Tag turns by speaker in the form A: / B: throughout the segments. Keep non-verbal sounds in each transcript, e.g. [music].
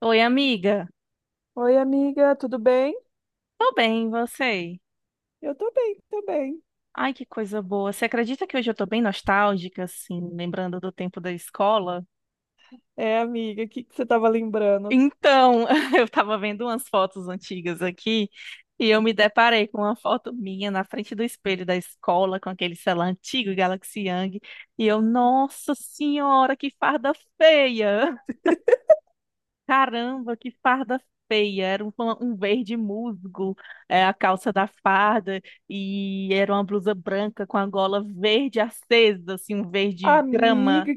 A: Oi, amiga.
B: Oi, amiga, tudo bem?
A: Tô bem, e você?
B: Eu tô bem, tô bem.
A: Ai, que coisa boa. Você acredita que hoje eu tô bem nostálgica, assim, lembrando do tempo da escola?
B: É, amiga, o que que você tava lembrando?
A: Então, [laughs] eu tava vendo umas fotos antigas aqui e eu me deparei com uma foto minha na frente do espelho da escola com aquele celular antigo Galaxy Young e eu, nossa senhora, que farda feia! Caramba, que farda feia! Era um verde musgo, é, a calça da farda, e era uma blusa branca com a gola verde acesa, assim, um verde grama.
B: Amiga,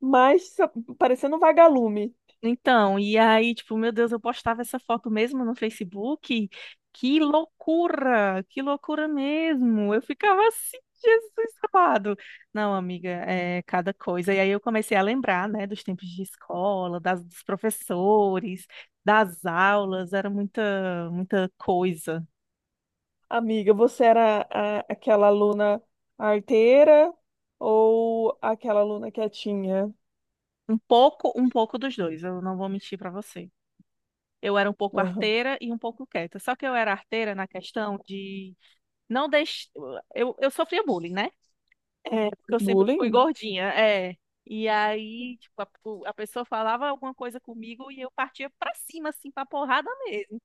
B: mas parecendo um vagalume.
A: Então, e aí, tipo, meu Deus, eu postava essa foto mesmo no Facebook. Que loucura! Que loucura mesmo! Eu ficava assim, Jesus amado. Não, amiga, é cada coisa. E aí eu comecei a lembrar, né, dos tempos de escola, dos professores, das aulas, era muita, muita coisa.
B: Amiga, você era aquela aluna arteira ou aquela aluna quietinha?
A: Um pouco dos dois, eu não vou mentir pra você. Eu era um pouco
B: Aham.
A: arteira e um pouco quieta. Só que eu era arteira na questão de não deixar. Eu sofria bullying, né? É, porque eu sempre fui
B: Bullying?
A: gordinha, é. E aí, tipo, a pessoa falava alguma coisa comigo e eu partia pra cima, assim, pra porrada mesmo.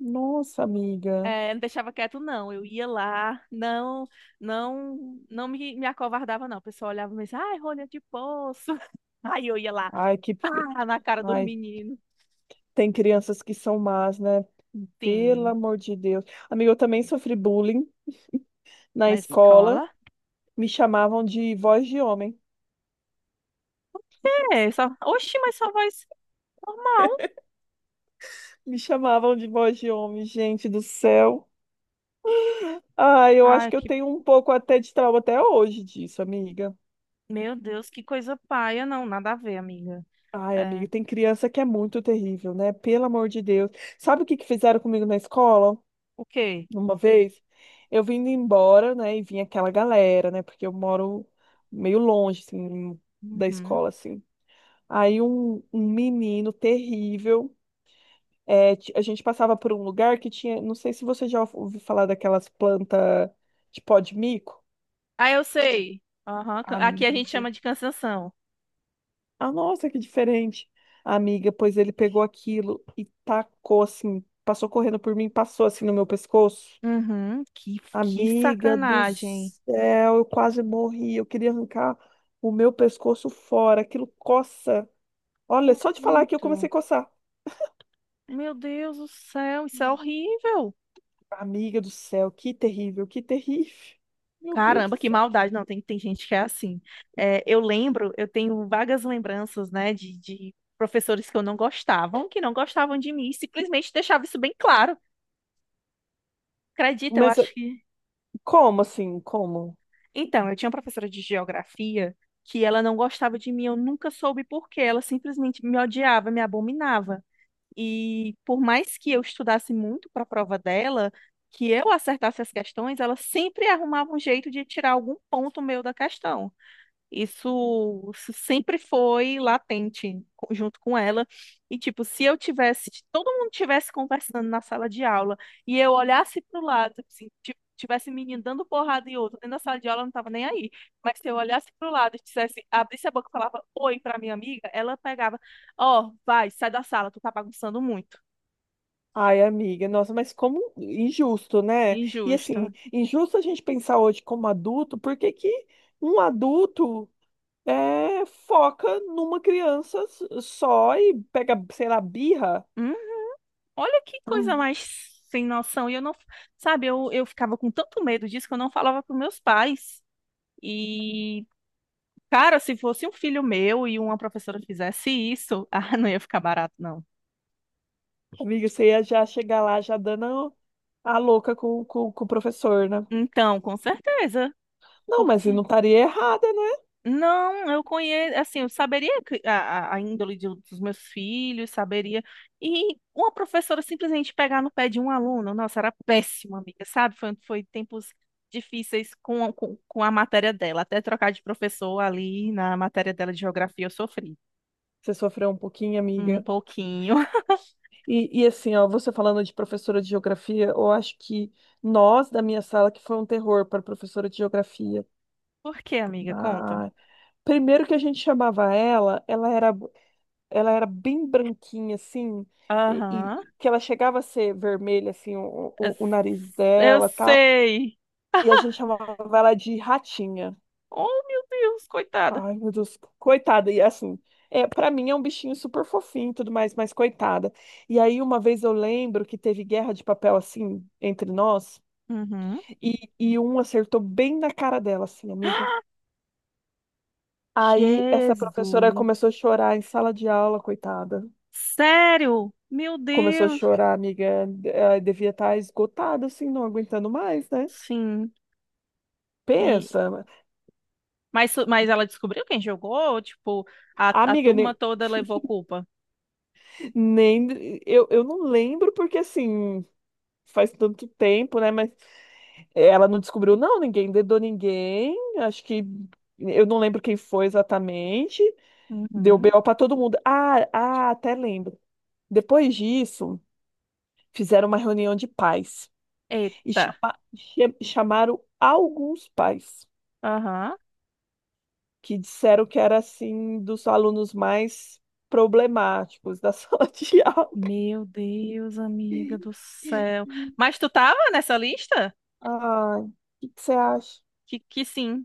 B: Nossa, amiga.
A: É, não deixava quieto, não. Eu ia lá, não, não, não me acovardava, não. O pessoal olhava e dizia, ai, rolha de poço. [laughs] Aí eu ia lá,
B: Ai, que.
A: pá, na cara do
B: Ai,
A: menino.
B: tem crianças que são más, né? Pelo
A: Sim,
B: amor de Deus. Amiga, eu também sofri bullying na
A: na
B: escola.
A: escola.
B: Me chamavam de voz de homem.
A: É, só, oxi, mas só voz normal.
B: Me chamavam de voz de homem, gente do céu. Ah, eu acho
A: Ai,
B: que eu
A: que,
B: tenho um pouco até de trauma até hoje disso, amiga.
A: meu Deus, que coisa paia. Não, nada a ver, amiga.
B: Ai, amiga,
A: É,
B: tem criança que é muito terrível, né? Pelo amor de Deus. Sabe o que que fizeram comigo na escola?
A: o quê?
B: Uma vez, eu vindo embora, né? E vinha aquela galera, né? Porque eu moro meio longe, assim, da
A: Uhum.
B: escola, assim. Aí um menino terrível. É, a gente passava por um lugar que tinha. Não sei se você já ouviu falar daquelas plantas de pó de mico.
A: Ah, eu sei. Aham, ca- aqui a gente
B: Amiga.
A: chama de cansanção.
B: Ah, nossa, que diferente. Amiga, pois ele pegou aquilo e tacou assim, passou correndo por mim, passou assim no meu pescoço.
A: Uhum. Que
B: Amiga do
A: sacanagem.
B: céu, eu quase morri. Eu queria arrancar o meu pescoço fora. Aquilo coça. Olha, só de falar que eu comecei a
A: Muito.
B: coçar.
A: Meu Deus do céu, isso é
B: Hum.
A: horrível.
B: Amiga do céu, que terrível, que terrível. [laughs] Meu Deus
A: Caramba,
B: do
A: que
B: céu.
A: maldade. Não, tem gente que é assim. É, eu lembro, eu tenho vagas lembranças, né, de professores que eu não gostavam, que não gostavam de mim, e simplesmente deixava isso bem claro. Acredita, eu
B: Mas
A: acho que.
B: como assim? Como?
A: Então, eu tinha uma professora de geografia que ela não gostava de mim, eu nunca soube por quê. Ela simplesmente me odiava, me abominava. E por mais que eu estudasse muito para a prova dela, que eu acertasse as questões, ela sempre arrumava um jeito de tirar algum ponto meu da questão. Isso sempre foi latente co- junto com ela. E, tipo, se eu tivesse, se todo mundo tivesse conversando na sala de aula e eu olhasse pro lado, tipo assim, ti- tivesse menino dando porrada e outro dentro da sala de aula, eu não tava nem aí. Mas se eu olhasse pro lado e dissesse, abrisse a boca e falava oi pra minha amiga, ela pegava, ó, vai, sai da sala, tu tá bagunçando muito.
B: Ai, amiga, nossa, mas como injusto, né? E assim,
A: Injusto.
B: injusto a gente pensar hoje como adulto, porque que um adulto foca numa criança só e pega, sei lá, birra?
A: Hum, olha que coisa
B: Hum.
A: mais sem noção. E eu não, sabe, eu ficava com tanto medo disso que eu não falava pros meus pais. E, cara, se fosse um filho meu e uma professora fizesse isso, [laughs] ah, não ia ficar barato, não.
B: Amiga, você ia já chegar lá já dando a louca com o professor, né?
A: Então, com certeza,
B: Não, mas
A: porque
B: eu não estaria errada, né?
A: não, eu conheço, assim, eu saberia que- a índole de- dos meus filhos, saberia. E uma professora simplesmente pegar no pé de um aluno, nossa, era péssima, amiga, sabe? Foi, foi tempos difíceis com a matéria dela. Até trocar de professor ali na matéria dela de geografia, eu sofri
B: Você sofreu um pouquinho,
A: um
B: amiga.
A: pouquinho.
B: E assim, ó, você falando de professora de geografia, eu acho que nós, da minha sala, que foi um terror para a professora de geografia.
A: [laughs] Por quê, amiga? Conta.
B: Ah, primeiro que a gente chamava ela, ela era bem branquinha, assim, e,
A: Aham.
B: e que ela chegava a ser vermelha, assim, o nariz
A: Eu
B: dela, tal,
A: sei.
B: e a
A: [laughs]
B: gente chamava ela de ratinha.
A: Oh, meu Deus, coitada.
B: Ai, meu Deus, coitada, e assim, é, para mim é um bichinho super fofinho e tudo mais, mas coitada. E aí, uma vez eu lembro que teve guerra de papel assim entre nós.
A: Uhum.
B: E, um acertou bem na cara dela, assim, amiga. Aí essa
A: Jesus.
B: professora começou a chorar em sala de aula, coitada.
A: Sério? Meu
B: Começou a
A: Deus.
B: chorar, amiga. Ela devia estar esgotada, assim, não aguentando mais, né?
A: Sim. E
B: Pensa,
A: mas ela descobriu quem jogou, tipo, a
B: amiga,
A: turma
B: nem,
A: toda levou culpa.
B: nem eu, eu não lembro porque assim faz tanto tempo, né? Mas ela não descobriu, não, ninguém dedou ninguém. Acho que eu não lembro quem foi exatamente. Deu
A: Uhum.
B: BO pra todo mundo. Até lembro. Depois disso. Fizeram uma reunião de pais e
A: Eita.
B: chamaram alguns pais
A: Aham.
B: que disseram que era assim dos alunos mais problemáticos da [laughs] sala de aula.
A: Meu Deus, amiga do céu. Mas tu tava nessa lista?
B: Ai, o que que você acha?
A: Que sim.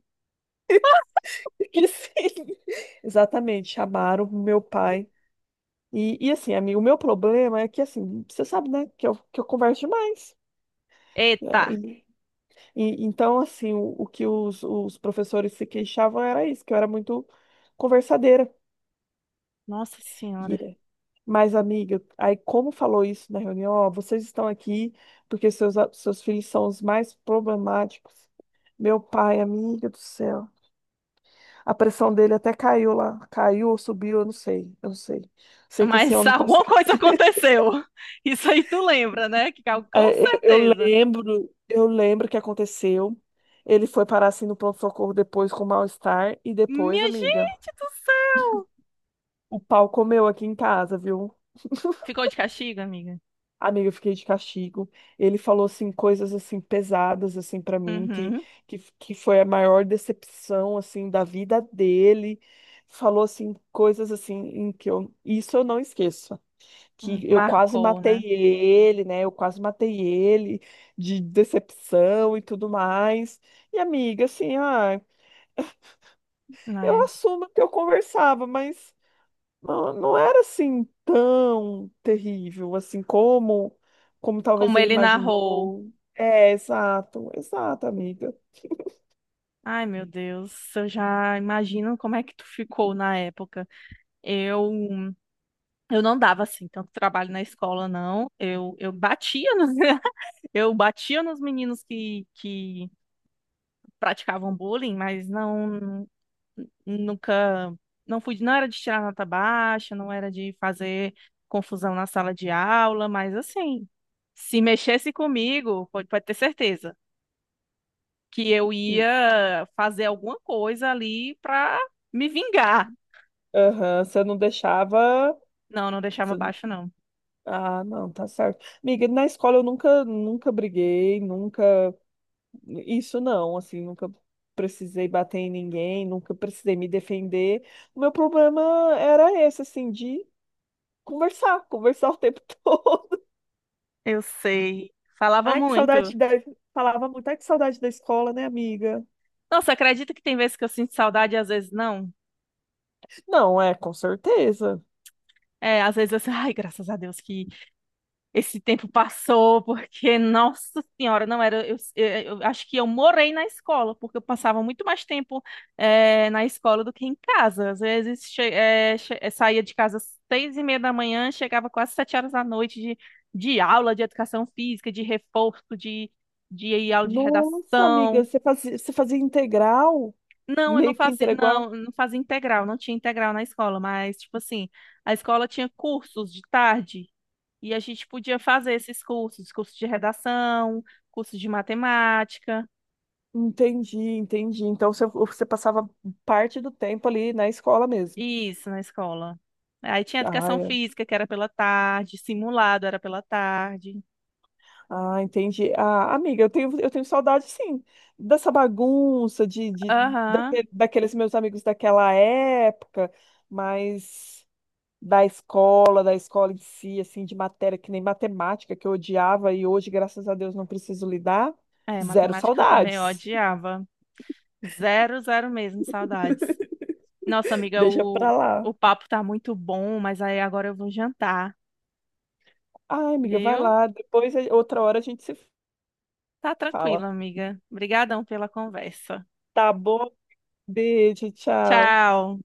B: Que sim. Exatamente, chamaram o meu pai. E assim, amigo, o meu problema é que assim, você sabe, né, que eu converso demais. Né?
A: Eita.
B: Então, assim, o que os professores se queixavam era isso, que eu era muito conversadeira.
A: Nossa Senhora.
B: Yeah. Mas, amiga, aí como falou isso na reunião, ó, vocês estão aqui porque seus filhos são os mais problemáticos. Meu pai, amiga do céu. A pressão dele até caiu lá. Caiu ou subiu, eu não sei. Eu não sei. Sei que esse
A: Mas [laughs]
B: homem
A: alguma
B: passou.
A: coisa aconteceu. Isso aí tu lembra, né? Que cal- com
B: É,
A: certeza.
B: eu lembro que aconteceu. Ele foi parar assim no pronto-socorro depois com mal-estar. E depois,
A: Minha
B: amiga,
A: gente do céu.
B: o pau comeu aqui em casa, viu?
A: Ficou de castigo, amiga?
B: Amiga, eu fiquei de castigo. Ele falou assim coisas assim pesadas assim para mim
A: Uhum.
B: que foi a maior decepção assim da vida dele. Falou assim coisas assim em que eu isso eu não esqueço, que eu quase
A: Marcou,
B: matei
A: né?
B: ele, né? Eu quase matei ele de decepção e tudo mais. E amiga, assim, ah,
A: É.
B: eu assumo que eu conversava, mas não, não era assim tão terrível assim como como talvez
A: Como
B: ele
A: ele narrou.
B: imaginou. É, exato, exato, amiga.
A: Ai, meu Deus, eu já imagino como é que tu ficou na época. Eu, eu não dava assim tanto trabalho na escola, não. Eu batia nos, [laughs] eu batia nos meninos que praticavam bullying, mas não nunca, não fui, não era de tirar nota baixa, não era de fazer confusão na sala de aula, mas assim, se mexesse comigo, pode ter certeza que eu ia fazer alguma coisa ali pra me vingar.
B: Aham, você não deixava.
A: Não, não deixava
B: Você-
A: baixo, não.
B: ah, não, tá certo. Amiga, na escola eu nunca, nunca briguei, nunca. Isso não, assim, nunca precisei bater em ninguém, nunca precisei me defender. O meu problema era esse, assim, de conversar, conversar o tempo [laughs] todo.
A: Eu sei. Falava
B: Ai, que
A: muito.
B: saudade da... Falava muito, ai, que saudade da escola, né, amiga?
A: Nossa, acredita que tem vezes que eu sinto saudade e às vezes não?
B: Não, é, com certeza.
A: É, às vezes eu [laughs] sinto, ai, graças a Deus que esse tempo passou porque, nossa senhora, não era. Eu eu acho que eu morei na escola, porque eu passava muito mais tempo eh, na escola do que em casa. Às vezes saía de casa às 6:30 da manhã, chegava quase 7 horas da noite de aula de educação física, de reforço, de aula de
B: Nossa, amiga,
A: redação.
B: você fazia integral?
A: Não, eu não
B: Meio que
A: fazia, não,
B: integral?
A: não fazia integral, não tinha integral na escola, mas, tipo assim, a escola tinha cursos de tarde. E a gente podia fazer esses cursos, curso de redação, curso de matemática,
B: Entendi, entendi. Então você passava parte do tempo ali na escola mesmo.
A: isso na escola. Aí tinha
B: Ah,
A: educação
B: é.
A: física, que era pela tarde, simulado era pela tarde.
B: Ah, entendi. Ah, amiga, eu tenho saudade, sim, dessa bagunça,
A: Aham.
B: daqueles meus amigos daquela época, mas. Da escola, da escola em si, assim, de matéria, que nem matemática, que eu odiava e hoje, graças a Deus, não preciso lidar.
A: É,
B: Zero
A: matemática também eu
B: saudades.
A: odiava. Zero, zero mesmo, saudades. Nossa,
B: [laughs]
A: amiga,
B: Deixa pra
A: o,
B: lá.
A: o papo tá muito bom, mas aí agora eu vou jantar,
B: Ai, amiga, vai
A: viu?
B: lá. Depois, outra hora, a gente se
A: Tá tranquila,
B: fala.
A: amiga. Obrigadão pela conversa.
B: Tá bom? Beijo, tchau.
A: Tchau.